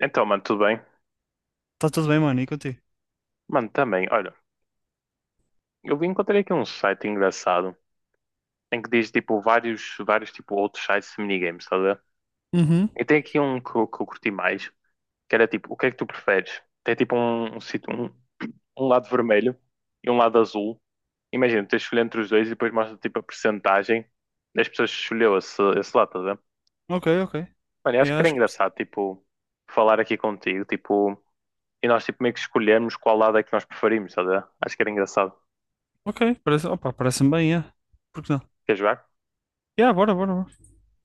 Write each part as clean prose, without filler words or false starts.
Então, mano, tudo bem? Tá tudo bem, mano, e contigo? Mano, também, olha, eu encontrei aqui um site engraçado em que diz tipo vários tipo outros sites de minigames, estás a ver? Uhum. E tem aqui um que, eu curti mais, que era tipo, o que é que tu preferes? Tem tipo um lado vermelho e um lado azul. Imagina, tu tens de escolher entre os dois e depois mostra tipo a percentagem das pessoas que escolheu esse lado, estás a ver? Ok, ok. Mano, eu acho que Yeah, era acho que... engraçado, tipo, falar aqui contigo, tipo, e nós tipo meio que escolhermos qual lado é que nós preferimos, estás a ver? Acho que era engraçado. Ok, parece... Opa, parece-me bem, yeah. Por que não? Quer jogar? Yeah, bora, bora, bora.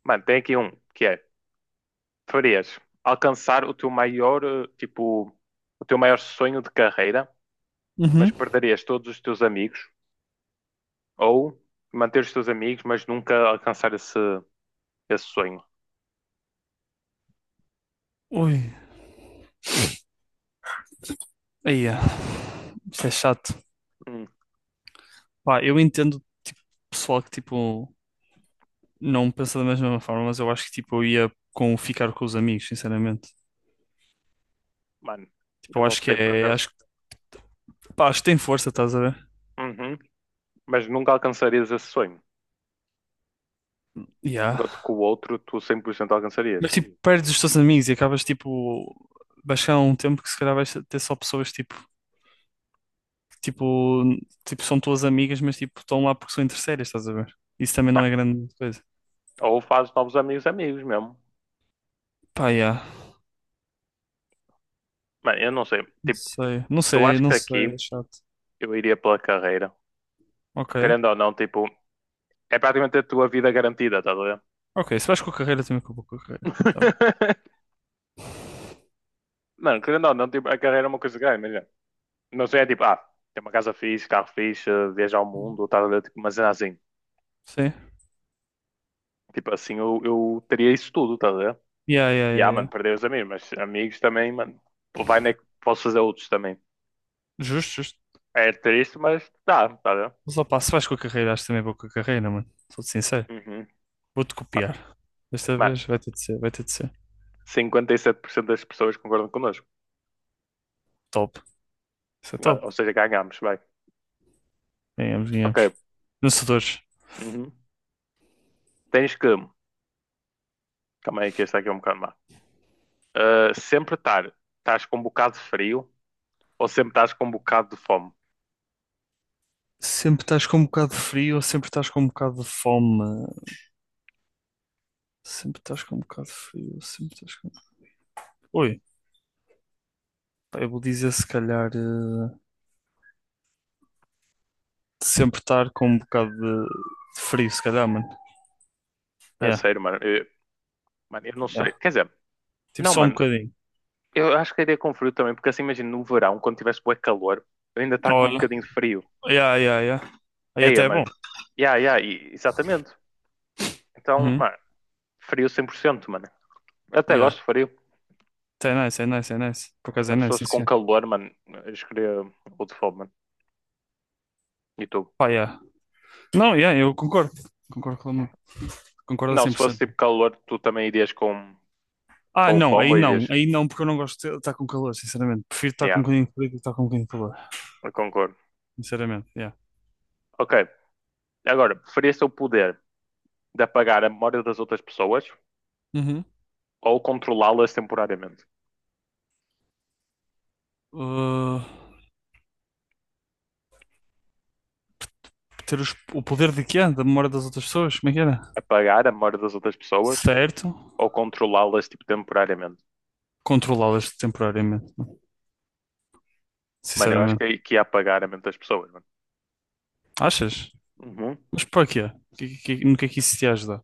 Mano, tem aqui um que é: preferias alcançar o teu maior, tipo, o teu maior sonho de carreira, mas Uhum. perderias todos os teus amigos, ou manter os teus amigos, mas nunca alcançar esse sonho? Ui, aí, yeah. Isso é chato. Hum, Pá, eu entendo, tipo, pessoal que, tipo, não pensa da mesma forma, mas eu acho que, tipo, eu ia com ficar com os amigos, sinceramente. mano, Tipo, eu eu não acho que sei por é... acaso. Acho que... Pá, acho que tem força, estás a ver? Uhum, mas nunca alcançarias esse sonho. Yeah. Enquanto que o outro tu 100% alcançarias. Mas, tipo, perdes os teus amigos e acabas, tipo... Vai chegar um tempo que se calhar vais ter só pessoas, tipo... tipo, tipo, são tuas amigas, mas tipo, estão lá porque são interesseiras, estás a ver? Isso também não é Mano, grande coisa. ou fazes novos amigos, amigos mesmo. Pá, yeah. Mano, eu não sei. Não Tipo, sei, não eu sei, acho não que sei, é aqui chato. eu iria pela carreira. Ok, Porque querendo ou não, tipo, é praticamente a tua vida garantida, tá. ok, se vais com a carreira, também com a carreira. Tá bem. Mano, querendo ou não, tipo, a carreira é uma coisa grande, melhor. Não sei, é tipo, ah, tem uma casa fixe, carro fixe, viajar ao Uhum. mundo, tá a ver? Tipo, mas é assim, Sim, tipo assim, eu teria isso tudo, tá a ver? yeah, yeah, E yeah, ah, mano, yeah. perder os amigos, mas amigos também, mano, pô, vai, né? Que posso fazer outros também. Justo, justo. É triste, mas dá, tá a ver? Mas opá, se vais com a carreira, acho que também vou com a carreira, mano. Sou-te sincero. Uhum. Vou-te Ma- copiar. Desta Mano, vez vai ter de ser, vai ter de ser. 57% das pessoas concordam connosco. Top. Isso é Ah, top. ou seja, ganhamos, vai. Ganhamos, ganhamos. Ok. Vencedores. Uhum. Tens que. Calma aí, que este aqui é um bocado má. Ah, sempre estar. Estás com um bocado de frio, ou sempre estás com um bocado de fome? Sempre estás com um bocado de frio ou sempre estás com um bocado de fome? Sempre estás com um bocado de frio, sempre estás com. Oi, pá, eu vou dizer se calhar sempre estar com um bocado de frio, se calhar, mano. A Yeah, sério, mano. Mano, eu não yeah. sei. Quer dizer, Tipo não, só um mano. bocadinho. Eu acho que iria com frio também, porque assim, imagina, no verão, quando tivesse bué calor, eu ainda está com um Olha, bocadinho de frio. yeah, yeah, yeah. Aí Eia, até é bom. mano. Ya, ya, exatamente. Então, Uhum. mano, frio 100% mano. Eu até Yeah. gosto de frio. Até é nice, é nice, é nice. Por acaso é Agora, se nice, sim, fosse com senhor. calor, mano, eu escolheria o de fome, mano. E tu? Pá, yeah. Não, yeah, eu concordo. Concordo com. Concordo a Não, cem se por fosse cento. tipo calor, tu também irias com, Ah, com o não, fome aí Ou não, aí não, porque eu não gosto de estar com calor, sinceramente. Prefiro estar com um Ya, bocadinho de frio do que estar com um bocadinho de calor, eu concordo. sinceramente, yeah. Ok, agora, preferia se o poder de apagar a memória das outras pessoas Uhum. ou controlá-las temporariamente? Uh, ter o poder de quê? Da memória das outras pessoas? Como é que era? Apagar a memória das outras pessoas Certo. ou controlá-las tipo, temporariamente? Controlá-las temporariamente, né? Mano, eu acho Sinceramente. que ia apagar a mente das pessoas, mano. Achas? Uhum. Mas para quê? No que é que isso te ajuda?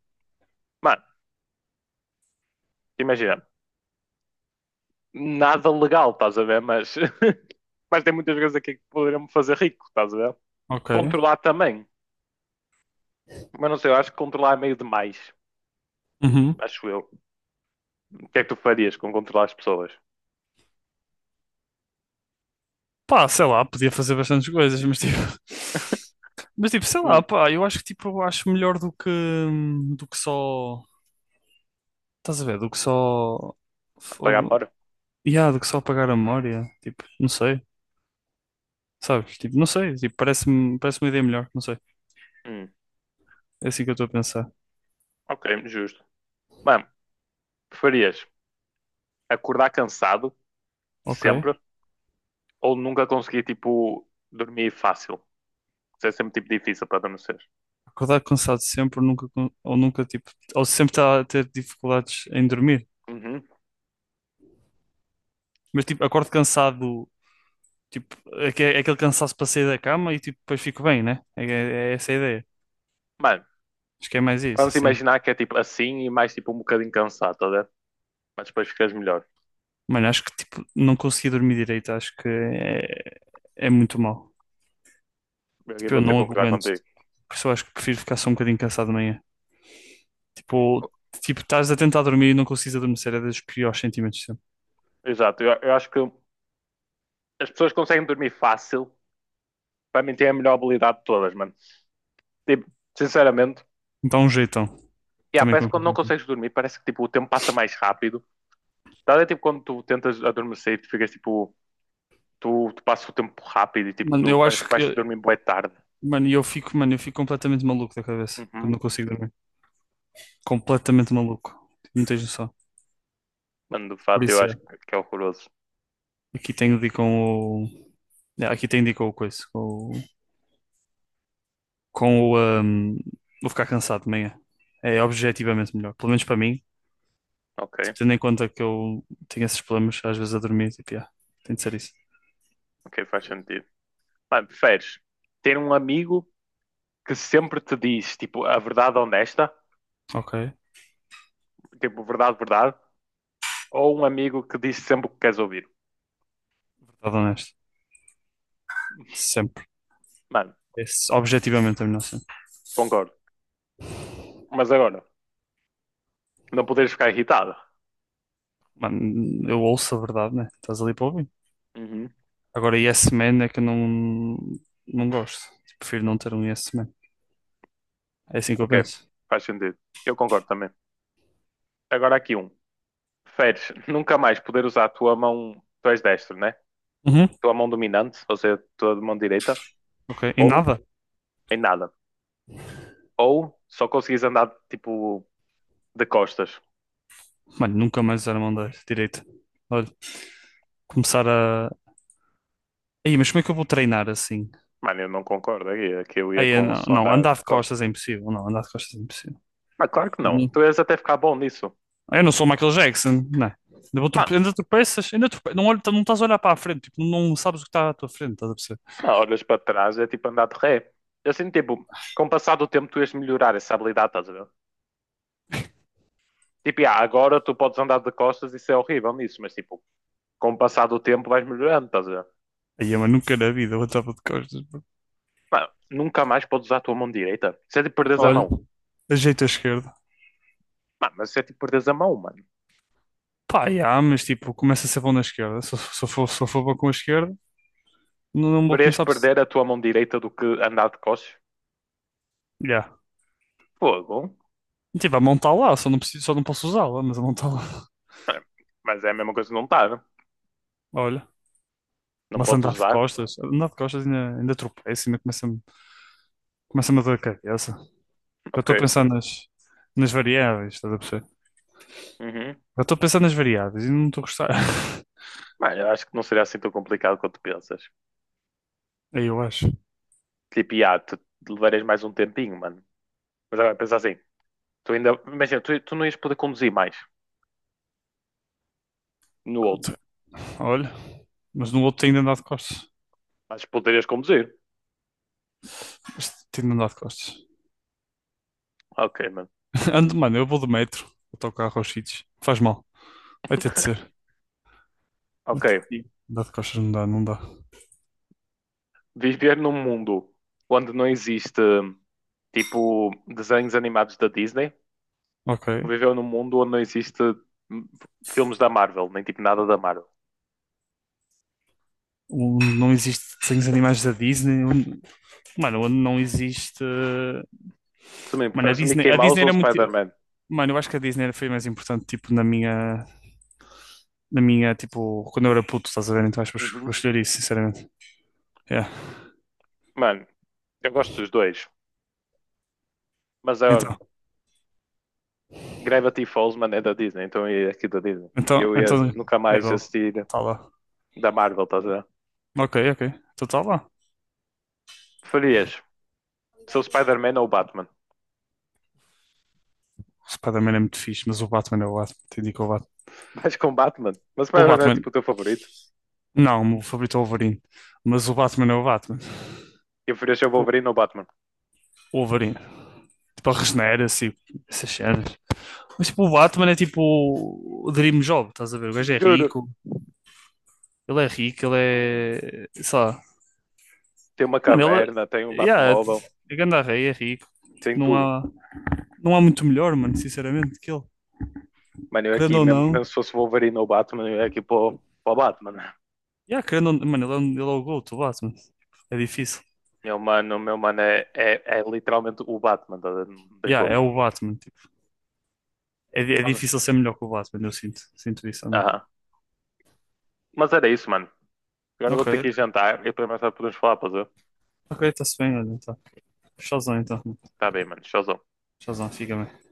Mano, imagina, nada legal, estás a ver? Mas, mas tem muitas coisas aqui que poderiam me fazer rico, estás a ver? Ok. Controlar também. Mas não sei, eu acho que controlar é meio demais. Uhum. Acho eu. O que é que tu farias com controlar as pessoas? Pá, sei lá, podia fazer bastantes coisas, mas tipo. Mas tipo, sei lá, Hum. pá, eu acho que tipo, eu acho melhor do que só. Estás a ver? Do que só. Apagar a Fogo. memória? Yeah, do que só apagar a memória. Tipo, não sei. Sabes? Tipo, não sei. Tipo, parece uma ideia melhor, não sei. Hum, É assim que eu estou a pensar. ok, justo. Mano, preferias acordar cansado, Ok. sempre, ou nunca conseguir, tipo, dormir fácil. Isso é sempre, tipo, difícil para adormecer. Acordar cansado sempre, nunca, con- ou nunca, tipo, ou sempre estar a ter dificuldades em dormir. Uhum. Mas, tipo, acordo cansado, tipo, é é aquele cansaço para sair da cama e, tipo, depois fico bem, né? É essa a ideia. Mano, Acho que é mais isso, vamos sim. imaginar que é, tipo, assim e mais, tipo, um bocadinho cansado, tá a ver? Mas depois ficas melhor. Mano, acho que, tipo, não consegui dormir direito, acho que é, é muito mal. Eu aqui Tipo, eu vou ter que não concordar aguento. contigo. Por isso eu acho que prefiro ficar só um bocadinho cansado de manhã. Tipo, tipo, estás a tentar dormir e não consegues adormecer, é dos piores sentimentos sempre. Exato, eu acho que as pessoas que conseguem dormir fácil, para mim, têm a melhor habilidade de todas, mano. Tipo, sinceramente, Então, um jeitão. yeah, Também parece que quando não concordo. consegues dormir, parece que, tipo, o tempo passa mais rápido. Tá a ver, tipo, quando tu tentas adormecer e tu ficas, tipo. Tu passas o tempo rápido e tipo, Mano, não, eu parece acho que que. vais eu- dormir bué tarde. Mano, eu fico completamente maluco da cabeça Uhum. quando não consigo dormir. Completamente maluco. Tipo, não tens noção. Mano, de Por fato, eu isso acho é. que é horroroso. Aqui tenho de ir com o. É, aqui tenho de ir com o coisa. Com o. Com o, vou ficar cansado de manhã. É objetivamente melhor. Pelo menos para mim. Ok, Tipo, tendo em conta que eu tenho esses problemas às vezes a dormir. Tipo, yeah, tem de ser isso. ok, faz sentido. Mano, preferes ter um amigo que sempre te diz, tipo, a verdade honesta, Ok. tipo, verdade, verdade, ou um amigo que diz sempre o que queres ouvir? Verdade honesto. Sempre. Mano, Esse, objetivamente a melhor sempre. concordo. Mas agora, não poderes ficar irritado. Mano, eu ouço a verdade, né? Estás ali para ouvir. Uhum. Agora, Yes Man é que eu não, não gosto. Prefiro não ter um Yes Man. É assim que eu Ok, penso. faz sentido. Eu concordo também. Agora aqui um. Preferes nunca mais poder usar a tua mão, tu és destro, né? Uhum. Tua mão dominante, ou seja, tua mão direita, Ok. E ou nada? em nada. Ou só conseguires andar, tipo, de costas. Mano, nunca mais usar a mão da direita. Olha, começar a. Aí, mas como é que eu vou treinar assim? Mano, eu não concordo aqui. É que eu ia Aí, eu com o não, som não, andar andar de de costas. costas é impossível. Não, andar de costas é impossível. Mas claro que Eu não. não, Tu ias até ficar bom nisso. eu não sou o Michael Jackson, não é? Ainda Mano, ainda tropeças, não, olho, não estás a olhar para a frente, tipo, não sabes o que está à tua frente, estás a perceber? não, olhas para trás, é tipo andar de ré. Assim, tipo, com o passar do tempo tu ias melhorar essa habilidade, estás a ver? Tipo, ah, agora tu podes andar de costas e isso é horrível nisso, mas tipo, com o passar do tempo vais melhorando, estás a ver? Aí, mas nunca na vida eu andava de costas, bro. Mano, nunca mais podes usar a tua mão direita. Isso é tipo perderes a Olha, mão. ajeito a esquerda. Mano, mas isso é tipo perderes a mão, mano. Pá, yeah, mas tipo, começa a ser bom na esquerda. Se eu for bom com a esquerda, não vou Deverias começar a por. perder a tua mão direita do que andar de costas? Yeah. Fogo. Tipo, a mão está lá, só não preciso, só não posso usá-la, mas a mão está lá. Mano, mas é a mesma coisa que não estar. Olha, Não mas podes usar. Andar de costas ainda, ainda tropeço, ainda começa-me começa-me a dor a cabeça. Já Ok. estou a pensar nas variáveis, estás a perceber? Uhum. Já estou a pensar nas variáveis e não estou a gostar. Mano, eu acho que não seria assim tão complicado quanto pensas. Aí eu acho. Tipo, ah, tu levarias mais um tempinho, mano. Mas agora pensa assim, tu ainda. Imagina, tu não ias poder conduzir mais no outro. Olha, mas no outro tem de andar de costas. Mas poderias conduzir. Este tem de andar de costas. Ok, mano. Ando, mano, eu vou de metro, autocarro aos sítios. Faz mal, vai ter de ser. Ok. Sim. Dá de costas, não dá, não dá. Viver num mundo onde não existe tipo desenhos animados da Disney. Ok. Viver num mundo onde não existe hum, filmes da Marvel, nem tipo nada da Marvel. Onde não existe desenhos animais da Disney, onde- Mano, onde não existe. Também Mano, preferes Mickey a Disney Mouse ou era muito. Spider-Man? Mano, eu acho que a Disney foi mais importante, tipo, na minha. Na minha, tipo, quando eu era puto, estás a ver? Então acho que vou Uhum. escolher isso, sinceramente. Yeah. Mano, eu gosto dos dois. Mas agora, Então, Gravity Falls, mano, é da Disney, então é aqui da Disney. então, Eu ia então. nunca É mais do. assistir Tá lá. da Marvel, estás a ver? Ok, ok. Então tá lá. Preferias ser o Spider-Man ou o Batman? O Spider-Man é muito fixe, mas o Batman é o Batman. Te indico o Batman. Vais com o Batman? Mas o O Spider-Man é Batman. tipo o teu favorito. Não, o meu favorito é o Wolverine. Mas o Batman é o Batman. E preferias ser o Tipo, Wolverine ou o Batman? o Wolverine. Tipo, a regenera, assim, essas cenas. Mas tipo, o Batman é tipo o Dream Job, estás a ver? O gajo é Juro. rico, ele é rico, ele é. Sei lá. Tem uma Mano, ele caverna, tem um é. Yeah, Batmóvel, é grande rei, é rico. Tipo, tem tudo. Não há muito melhor, mano, sinceramente, que ele. Mano, eu aqui, Querendo ou mesmo, não. mesmo se fosse o Wolverine ou o Batman, eu ia aqui para o Batman. Yeah, querendo ou não. Mano, ele é o GOAT, o Batman. É difícil. Meu mano é, é literalmente o Batman, estás a ver? Não tem Yeah, como. é o Batman. Tipo. É Mas, difícil ser melhor que o Batman, eu sinto. Sinto isso, ao menos. aham. Mas era isso, mano. Agora eu vou Ok, ter que ir jantar e depois mais tarde podemos falar, pois é? ok, está-se bem, olha, tá. Shazam, então. Tá bem, mano. Tchauzão. Shazam, fica bem.